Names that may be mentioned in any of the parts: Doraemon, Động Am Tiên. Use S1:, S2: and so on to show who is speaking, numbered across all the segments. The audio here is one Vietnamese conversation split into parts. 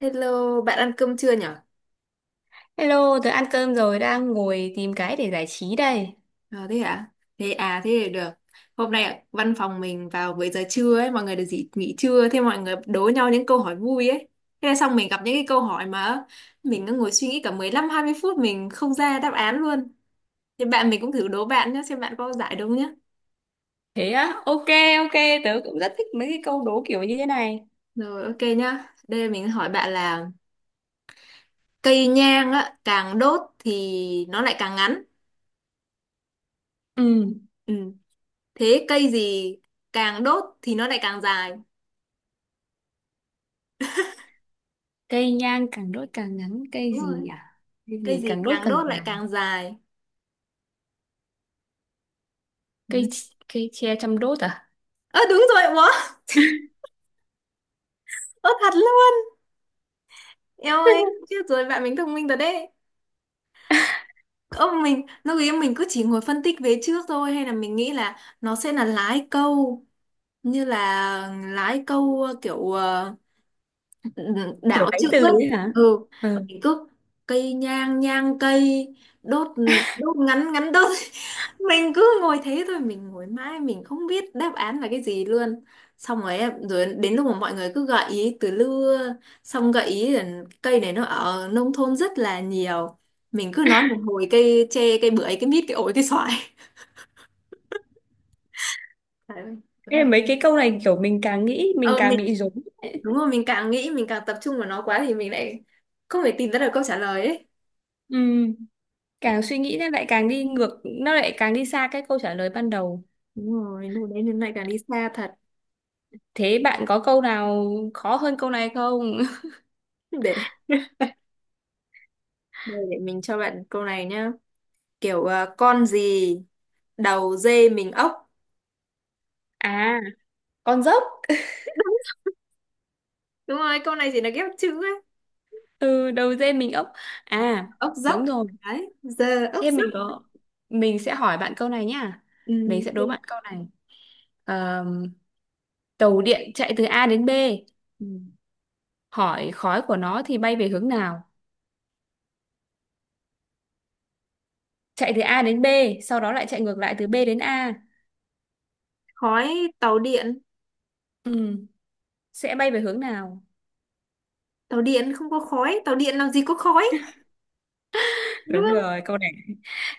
S1: Hello, bạn ăn cơm chưa nhở?
S2: Hello, tớ ăn cơm rồi, đang ngồi tìm cái để giải trí đây.
S1: Ờ thế hả? Thế à, thế thì được. Hôm nay văn phòng mình vào với giờ trưa ấy, mọi người được nghỉ, nghỉ trưa, thế mọi người đố nhau những câu hỏi vui ấy. Thế là xong mình gặp những cái câu hỏi mà mình cứ ngồi suy nghĩ cả 15-20 phút mình không ra đáp án luôn. Thì bạn mình cũng thử đố bạn nhé, xem bạn có giải đúng nhé.
S2: Thế á, ok, ok, tớ cũng rất thích mấy cái câu đố kiểu như thế này.
S1: Rồi ok nhá. Đây mình hỏi bạn là cây nhang á, càng đốt thì nó lại càng ngắn.
S2: Ừ,
S1: Ừ. Thế cây gì càng đốt thì nó lại càng dài?
S2: cây nhang càng đốt càng ngắn, cây
S1: Đúng
S2: gì
S1: rồi.
S2: nhỉ? Cây
S1: Cây
S2: gì
S1: gì
S2: càng đốt
S1: càng
S2: càng
S1: đốt lại
S2: dài?
S1: càng dài,
S2: Cây
S1: ừ.
S2: cây tre chăm đốt à?
S1: Ơ đúng rồi, ủa, ơ thật luôn, eo ơi, chết rồi, bạn mình thông minh rồi đấy. Ơ mình lúc ấy mình cứ chỉ ngồi phân tích về trước thôi, hay là mình nghĩ là nó sẽ là lái câu, như là lái câu, kiểu ừ,
S2: Kiểu
S1: đảo
S2: đáy
S1: chữ
S2: từ
S1: ấy.
S2: ấy hả?
S1: Ừ
S2: Ừ.
S1: thì cứ cây nhang nhang cây, đốt đốt ngắn ngắn đốt mình cứ ngồi thế thôi, mình ngồi mãi mình không biết đáp án là cái gì luôn. Xong rồi rồi đến lúc mà mọi người cứ gợi ý từ lưa, xong gợi ý là cây này nó ở nông thôn rất là nhiều, mình cứ nói một hồi cây tre, cây bưởi, cây mít, cây ổi, cây xoài. Đấy, đúng
S2: Ê,
S1: rồi.
S2: mấy cái câu này kiểu mình càng nghĩ mình
S1: Ờ,
S2: càng
S1: mình
S2: bị rối. Ấy.
S1: đúng rồi, mình càng nghĩ mình càng tập trung vào nó quá thì mình lại không thể tìm ra được câu trả lời ấy.
S2: Ừ, càng suy nghĩ nó lại càng đi ngược, nó lại càng đi xa cái câu trả lời ban đầu.
S1: Đúng rồi, lúc đấy mình lại càng đi xa thật.
S2: Thế bạn có câu nào khó hơn câu này không?
S1: Để để mình cho bạn câu này nhá. Kiểu à, con gì đầu dê mình ốc.
S2: À, con dốc.
S1: Đúng, đúng rồi, câu này chỉ là ghép chữ ấy.
S2: Ừ, đầu dê mình ốc. À,
S1: Ốc dốc.
S2: đúng rồi,
S1: Đấy, giờ ốc
S2: thế mình
S1: dốc.
S2: có, mình sẽ hỏi bạn câu này nhá,
S1: Ừ,
S2: mình sẽ đố
S1: ok.
S2: bạn câu này. Ờm, tàu điện chạy từ A đến B,
S1: Ừ.
S2: hỏi khói của nó thì bay về hướng nào? Chạy từ A đến B, sau đó lại chạy ngược lại từ B đến A.
S1: Khói tàu điện.
S2: Ừ, sẽ bay về hướng nào.
S1: Tàu điện không có khói, tàu điện làm gì có khói. Đúng
S2: Đúng
S1: không?
S2: rồi, câu này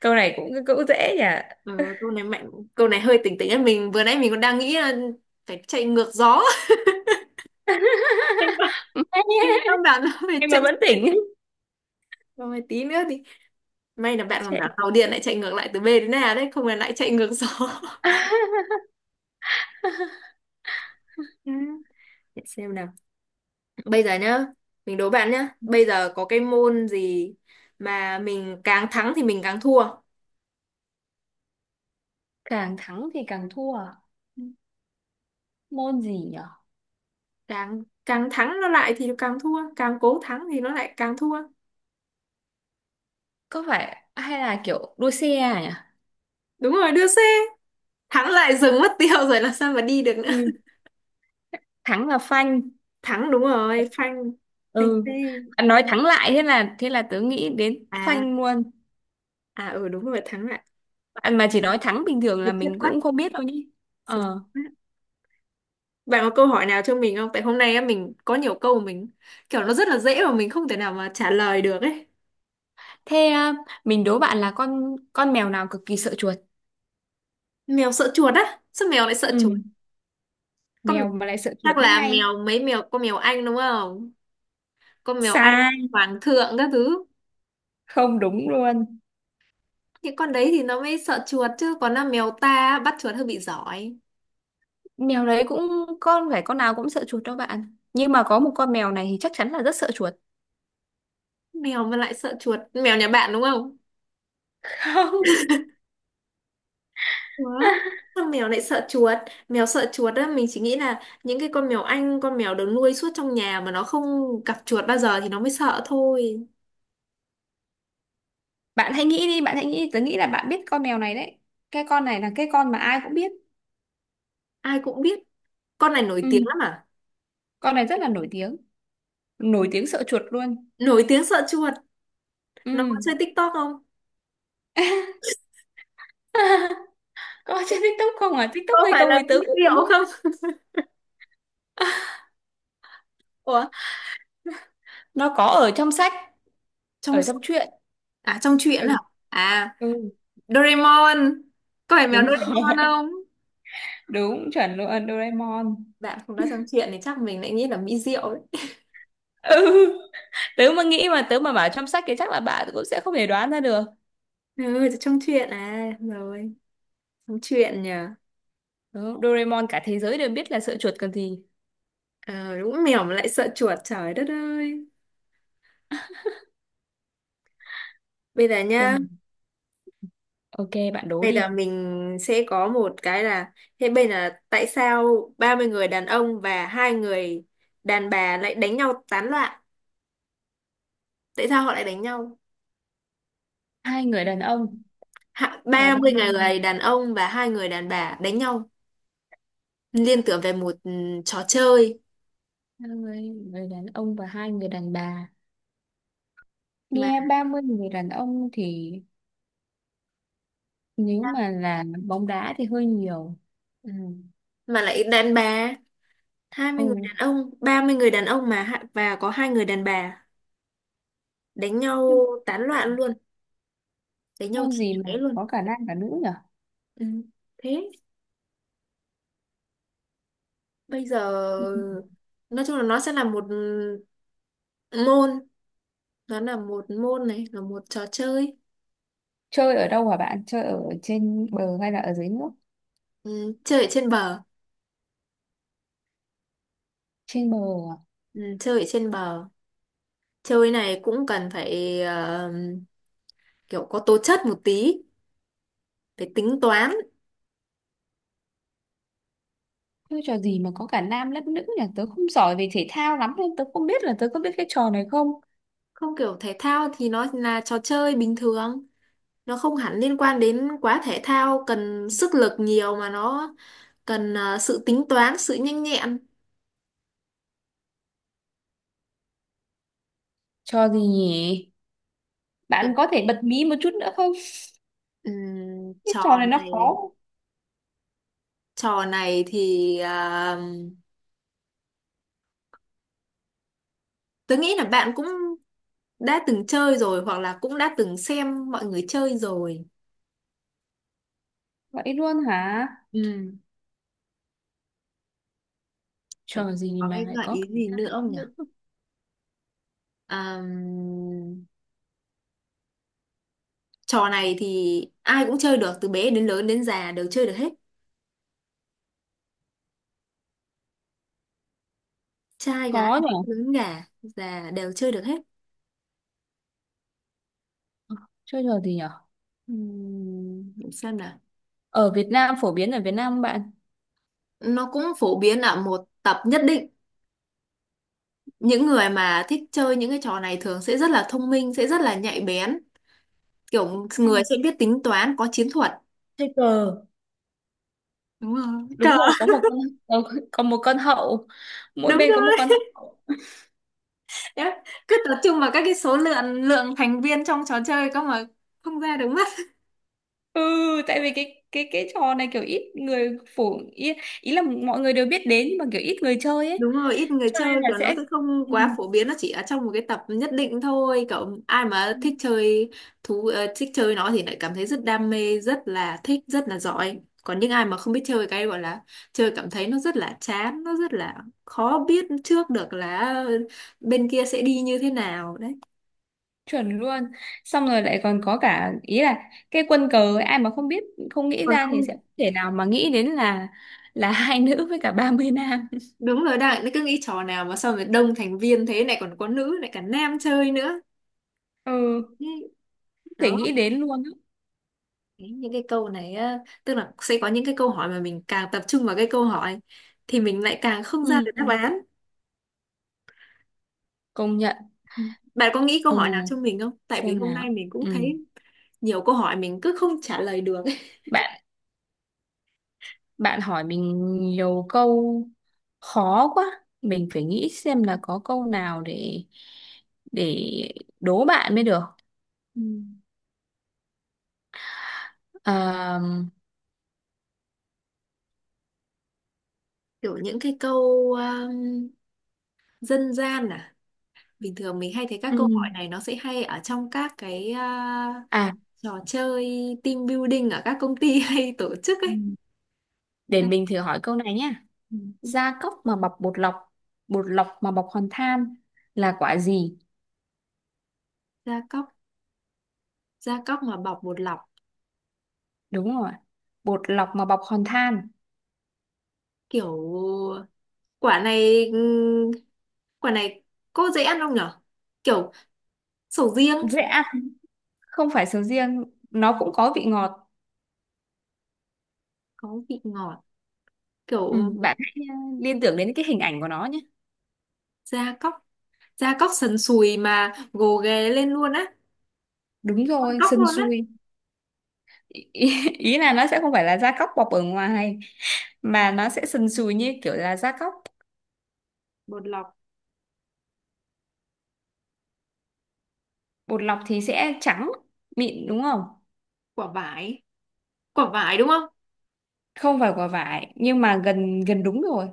S2: câu này cũng cũng dễ nhỉ.
S1: Ừ, câu này mạnh, câu này hơi tỉnh tỉnh ấy. Mình vừa nãy mình còn đang nghĩ là phải chạy ngược gió. Thành ra thành ra bạn phải
S2: Em mà
S1: chạy.
S2: vẫn tỉnh.
S1: Rồi tí nữa thì may là bạn còn bảo
S2: Chạy.
S1: tàu điện lại chạy ngược lại từ B đến A đấy, không là lại chạy ngược gió. Ừ. Để xem nào. Bây giờ nhá, mình đố bạn nhá. Bây giờ có cái môn gì mà mình càng thắng thì mình càng thua.
S2: Càng thắng thì càng thua. Môn gì nhỉ?
S1: Càng càng thắng nó lại thì càng thua, càng cố thắng thì nó lại càng thua.
S2: Có phải hay là kiểu đua xe à nhỉ?
S1: Đúng rồi, đưa xe. Thắng lại dừng mất tiêu rồi làm sao mà đi được nữa.
S2: Ừ. Thắng là phanh.
S1: Thắng đúng rồi, phanh phanh
S2: Ừ,
S1: xe.
S2: bạn nói thắng lại, thế là tớ nghĩ đến
S1: À,
S2: phanh luôn.
S1: à ừ đúng rồi, thắng lại.
S2: Bạn mà chỉ nói thắng bình thường
S1: Thật
S2: là
S1: chất
S2: mình
S1: quá.
S2: cũng không biết đâu nhỉ.
S1: Sự-
S2: Ờ,
S1: Bạn có câu hỏi nào cho mình không? Tại hôm nay á mình có nhiều câu mình kiểu nó rất là dễ mà mình không thể nào mà trả lời được ấy.
S2: thế à, mình đố bạn là con mèo nào cực kỳ sợ chuột.
S1: Mèo sợ chuột á? Sao mèo lại sợ chuột?
S2: Ừ,
S1: Con,
S2: mèo mà lại sợ
S1: chắc
S2: chuột mới
S1: là
S2: hay.
S1: mèo, mấy mèo con, mèo Anh đúng không? Con mèo Anh
S2: Sai.
S1: hoàng thượng các thứ.
S2: Không đúng luôn.
S1: Những con đấy thì nó mới sợ chuột, chứ còn là mèo ta á, bắt chuột hơi bị giỏi.
S2: Mèo đấy cũng, con phải con nào cũng sợ chuột đâu bạn, nhưng mà có một con mèo này thì chắc chắn là rất sợ chuột.
S1: Mèo mà lại sợ chuột, mèo nhà bạn đúng không? Ủa?
S2: Không.
S1: Sao mèo lại sợ chuột? Mèo sợ chuột á, mình chỉ nghĩ là những cái con mèo Anh, con mèo được nuôi suốt trong nhà mà nó không gặp chuột bao giờ thì nó mới sợ thôi.
S2: Bạn hãy nghĩ đi, bạn hãy nghĩ đi. Tớ nghĩ là bạn biết con mèo này đấy. Cái con này là cái con mà ai cũng biết.
S1: Ai cũng biết, con này nổi tiếng
S2: Ừ,
S1: lắm à?
S2: con này rất là nổi tiếng. Nổi tiếng sợ chuột luôn.
S1: Nổi tiếng sợ chuột, nó
S2: Ừ.
S1: có chơi TikTok không?
S2: Có trên TikTok không à? TikTok
S1: Có
S2: hay
S1: phải
S2: không thì
S1: là mỹ
S2: tớ cũng
S1: liệu
S2: không biết.
S1: không? Ủa,
S2: Nó có ở trong sách,
S1: trong
S2: ở trong
S1: sách-
S2: truyện.
S1: à trong
S2: Ừ,
S1: truyện hả? À,
S2: ừ,
S1: Doraemon, có phải mèo
S2: đúng rồi.
S1: Doraemon không?
S2: Đúng, chuẩn luôn, Doraemon.
S1: Bạn không nói trong truyện thì chắc mình lại nghĩ là mỹ diệu đấy.
S2: Ừ, tớ mà nghĩ mà tớ mà bảo trong sách thì chắc là bạn cũng sẽ không thể đoán ra được.
S1: Ừ, trong truyện à, rồi, trong truyện nhờ.
S2: Đúng, Doraemon cả thế giới đều biết là sợ chuột còn gì.
S1: Ờ đúng, mèo mà lại sợ chuột, trời đất ơi. Bây giờ
S2: Xem
S1: nhá,
S2: nào. Ok, bạn đố
S1: đây là
S2: đi.
S1: mình sẽ có một cái là thế bên là, tại sao 30 người đàn ông và hai người đàn bà lại đánh nhau tán loạn? Tại sao họ lại đánh nhau?
S2: Hai người đàn ông và
S1: Ba mươi
S2: ba
S1: người đàn ông và hai người đàn bà đánh nhau, liên tưởng về một, ừ, trò chơi
S2: hai người đàn ông và hai người đàn bà,
S1: mà,
S2: nghe 30 người đàn ông thì nếu mà là bóng đá thì hơi nhiều.
S1: ừ, mà lại đàn bà, 20 người
S2: Ừ,
S1: đàn ông, 30 người đàn ông mà và có hai người đàn bà, đánh
S2: nhưng
S1: nhau tán loạn luôn, đánh nhau
S2: môn
S1: chửi
S2: gì mà
S1: chóe luôn.
S2: có cả nam cả nữ nhở?
S1: Ừ, thế bây giờ nói chung là nó sẽ là một môn, nó là một môn, này là một trò chơi.
S2: Chơi ở đâu hả bạn, chơi ở trên bờ hay là ở dưới nước?
S1: Ừ, chơi ở trên bờ.
S2: Trên bờ à?
S1: Ừ, chơi ở trên bờ, chơi này cũng cần phải, kiểu có tố chất một tí, phải tính toán.
S2: Chơi trò gì mà có cả nam lẫn nữ nhỉ, tớ không giỏi về thể thao lắm nên tớ không biết là tớ có biết cái trò này không.
S1: Không, kiểu thể thao thì nó là trò chơi bình thường, nó không hẳn liên quan đến quá thể thao cần sức lực nhiều mà nó cần, sự tính toán, sự nhanh nhẹn.
S2: Trò gì nhỉ?
S1: Kiểu,
S2: Bạn có thể bật mí một chút nữa không?
S1: ừm,
S2: Cái
S1: trò
S2: trò này nó khó.
S1: này trò này thì ờ, tớ nghĩ là bạn cũng đã từng chơi rồi, hoặc là cũng đã từng xem mọi người chơi rồi.
S2: Vậy luôn hả?
S1: Ừ. Vậy,
S2: Trò gì
S1: có cái
S2: mà lại
S1: gợi
S2: có
S1: ý
S2: cảm
S1: gì
S2: giác
S1: nữa không nhỉ?
S2: nữ?
S1: À, trò này thì ai cũng chơi được, từ bé đến lớn đến già đều chơi được hết. Trai gái
S2: Khó nhỉ?
S1: lớn già già đều chơi được hết.
S2: Chơi trò gì nhỉ?
S1: Để xem nào.
S2: Ở Việt Nam, phổ biến ở Việt Nam không bạn?
S1: Nó cũng phổ biến ở một tập nhất định. Những người mà thích chơi những cái trò này thường sẽ rất là thông minh, sẽ rất là nhạy bén, kiểu
S2: Hay
S1: người
S2: là
S1: sẽ biết tính toán, có chiến thuật.
S2: chơi cờ?
S1: Đúng rồi.
S2: Đúng
S1: Cờ,
S2: rồi, có một con. Có một con hậu, mỗi
S1: đúng
S2: bên
S1: rồi.
S2: có một con hậu.
S1: Đấy, cứ tập trung vào các cái số lượng lượng thành viên trong trò chơi cơ mà không ra được mất.
S2: Ừ, tại vì cái trò này kiểu ít người phổ ý, ý là mọi người đều biết đến nhưng mà kiểu ít người chơi ấy,
S1: Đúng rồi, ít người
S2: cho nên
S1: chơi
S2: là
S1: và nó
S2: sẽ
S1: sẽ không
S2: ừ.
S1: quá phổ biến, nó chỉ ở trong một cái tập nhất định thôi, cậu ai mà thích chơi thú, thích chơi nó thì lại cảm thấy rất đam mê, rất là thích, rất là giỏi, còn những ai mà không biết chơi, cái gọi là chơi, cảm thấy nó rất là chán, nó rất là khó biết trước được là bên kia sẽ đi như thế nào đấy.
S2: Chuẩn luôn. Xong rồi lại còn có cả ý là cái quân cờ ấy, ai mà không biết, không nghĩ
S1: Còn
S2: ra thì
S1: không,
S2: sẽ không thể nào mà nghĩ đến là hai nữ với cả 30 nam.
S1: đúng rồi đấy, nó cứ nghĩ trò nào mà sao mà đông thành viên thế này, còn có nữ lại cả nam chơi nữa.
S2: Ừ,
S1: Ý,
S2: không thể
S1: đó.
S2: nghĩ đến luôn á.
S1: Ý, những cái câu này á, tức là sẽ có những cái câu hỏi mà mình càng tập trung vào cái câu hỏi thì mình lại càng không ra
S2: Ừ,
S1: được đáp án.
S2: công nhận.
S1: Bạn có nghĩ câu
S2: Ừ,
S1: hỏi nào cho mình không, tại vì
S2: xem
S1: hôm nay
S2: nào.
S1: mình cũng
S2: Ừ.
S1: thấy nhiều câu hỏi mình cứ không trả lời được ấy.
S2: bạn bạn hỏi mình nhiều câu khó quá, mình phải nghĩ xem là có câu nào để để đố bạn mới được.
S1: Ừ.
S2: Ờ,
S1: Kiểu những cái câu dân gian à, bình thường mình hay thấy các
S2: ừ.
S1: câu hỏi này nó sẽ hay ở trong các cái, à,
S2: À,
S1: trò chơi team building ở các công ty hay tổ chức ấy.
S2: ừ. Để
S1: Đấy,
S2: mình thử hỏi câu này nhé.
S1: ừ.
S2: Gia cốc mà bọc bột lọc, bột lọc mà bọc hòn than, là quả gì?
S1: Gia cóc, gia cóc mà bọc bột lọc,
S2: Đúng rồi, bột lọc mà bọc hòn than.
S1: kiểu quả này, quả này có dễ ăn không nhở, kiểu sầu riêng.
S2: Dễ ăn. Không phải sầu riêng. Nó cũng có vị ngọt.
S1: Có vị ngọt,
S2: Ừ,
S1: kiểu,
S2: bạn hãy liên tưởng đến cái hình ảnh của nó nhé.
S1: gia cóc, gia cóc sần sùi mà gồ ghề lên luôn á,
S2: Đúng
S1: con
S2: rồi,
S1: cóc
S2: sần
S1: luôn á.
S2: sùi. Ý, ý ý là nó sẽ không phải là gia cốc bọc ở ngoài, mà nó sẽ sần sùi như kiểu là gia cốc.
S1: Bột lọc,
S2: Bột lọc thì sẽ trắng mịn đúng không?
S1: quả vải, quả vải đúng không?
S2: Không phải quả vải nhưng mà gần gần đúng rồi.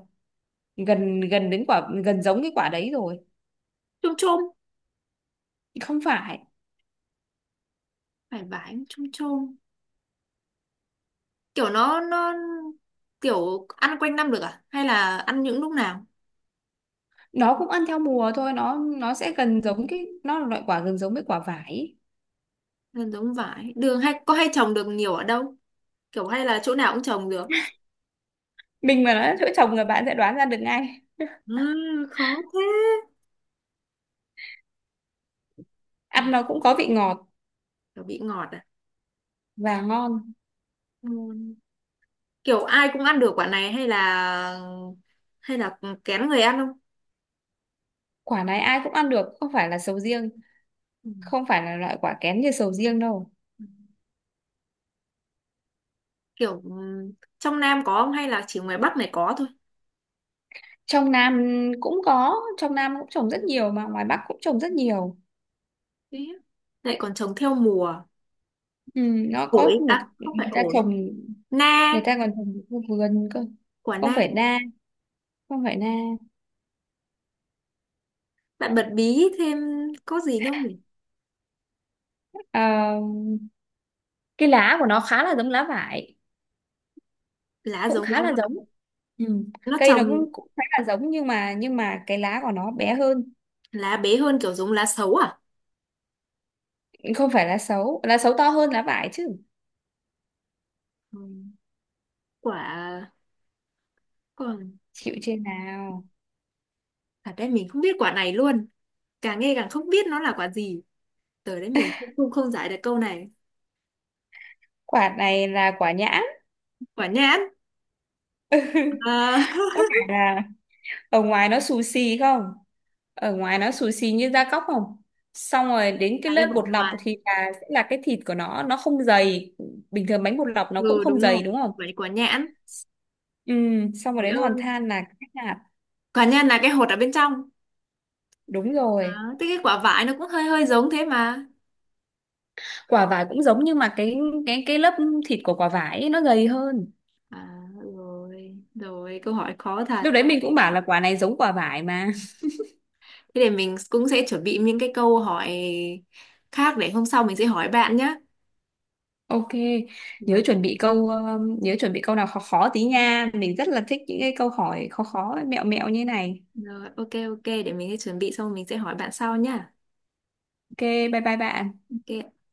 S2: Gần gần đến quả, gần giống cái quả đấy rồi.
S1: Chôm chôm,
S2: Không phải.
S1: phải vải chôm chôm, kiểu nó, kiểu ăn quanh năm được à hay là ăn những lúc nào?
S2: Nó cũng ăn theo mùa thôi, nó sẽ gần giống, cái nó là loại quả gần giống với quả vải ý.
S1: Là giống vải đường hay có, hay trồng được nhiều ở đâu, kiểu hay là chỗ nào cũng trồng được.
S2: Mình mà nói là chỗ trồng người bạn sẽ đoán ra được ngay.
S1: À, khó thế. Quả,
S2: Ăn nó cũng có vị ngọt
S1: quả bị ngọt à?
S2: và ngon.
S1: Ừ. Kiểu ai cũng ăn được quả này hay là, hay là kén người ăn không?
S2: Quả này ai cũng ăn được, không phải là sầu riêng.
S1: Ừ.
S2: Không phải là loại quả kén như sầu riêng đâu.
S1: Kiểu ừ, trong Nam có không hay là chỉ ngoài Bắc này có thôi?
S2: Trong Nam cũng có, trong Nam cũng trồng rất nhiều mà ngoài Bắc cũng trồng rất nhiều.
S1: Thế á. Lại còn trồng theo mùa.
S2: Ừ, nó
S1: Ổi
S2: có một
S1: à, không
S2: người
S1: phải
S2: ta
S1: ổi,
S2: trồng,
S1: na,
S2: người ta còn trồng ở vườn cơ.
S1: quả
S2: Không
S1: na.
S2: phải na. Không phải na.
S1: Bạn bật bí thêm, có gì đâu nhỉ?
S2: Ờ, cái lá của nó khá là giống lá vải.
S1: Lá
S2: Cũng
S1: giống lá
S2: khá là
S1: vả.
S2: giống. Ừ.
S1: Nó
S2: Cây nó
S1: trồng,
S2: cũng cũng khá là giống nhưng mà cái lá của nó bé hơn.
S1: lá bé hơn kiểu giống lá xấu à?
S2: Không phải lá sấu, lá sấu to hơn lá vải chứ.
S1: Ừ. Quả, còn,
S2: Chịu trên nào.
S1: thật đấy mình không biết quả này luôn. Càng nghe càng không biết nó là quả gì, tới đấy mình cũng không không giải được câu này.
S2: Quả này là quả nhãn.
S1: Quả nhãn, à,
S2: Có phải là ở ngoài nó xù xì không? Ở ngoài nó xù xì như da cóc không? Xong rồi đến cái
S1: là cái
S2: lớp
S1: vỏ
S2: bột lọc
S1: ngoài.
S2: thì là sẽ là cái thịt của nó không dày. Bình thường bánh bột lọc nó cũng
S1: Ừ
S2: không
S1: đúng rồi,
S2: dày đúng không?
S1: vậy quả nhãn.
S2: Ừ, xong rồi
S1: Trời
S2: đến hòn
S1: ơi,
S2: than là cái hạt.
S1: quả nhãn là cái hột ở bên trong.
S2: Đúng
S1: À,
S2: rồi.
S1: thế cái quả vải nó cũng hơi hơi giống thế mà.
S2: Quả vải cũng giống nhưng mà cái lớp thịt của quả vải ấy, nó gầy hơn.
S1: À, rồi rồi, câu hỏi khó thật.
S2: Lúc đấy mình cũng bảo là quả này giống quả vải mà.
S1: Thế để mình cũng sẽ chuẩn bị những cái câu hỏi khác để hôm sau mình sẽ hỏi bạn nhé.
S2: Ok. Nhớ
S1: Rồi,
S2: chuẩn bị câu nhớ chuẩn bị câu nào khó khó tí nha, mình rất là thích những cái câu hỏi khó khó mẹo mẹo như này.
S1: rồi ok, ok để mình sẽ chuẩn bị xong mình sẽ hỏi bạn sau nhá.
S2: Ok, bye bye bạn.
S1: Ok.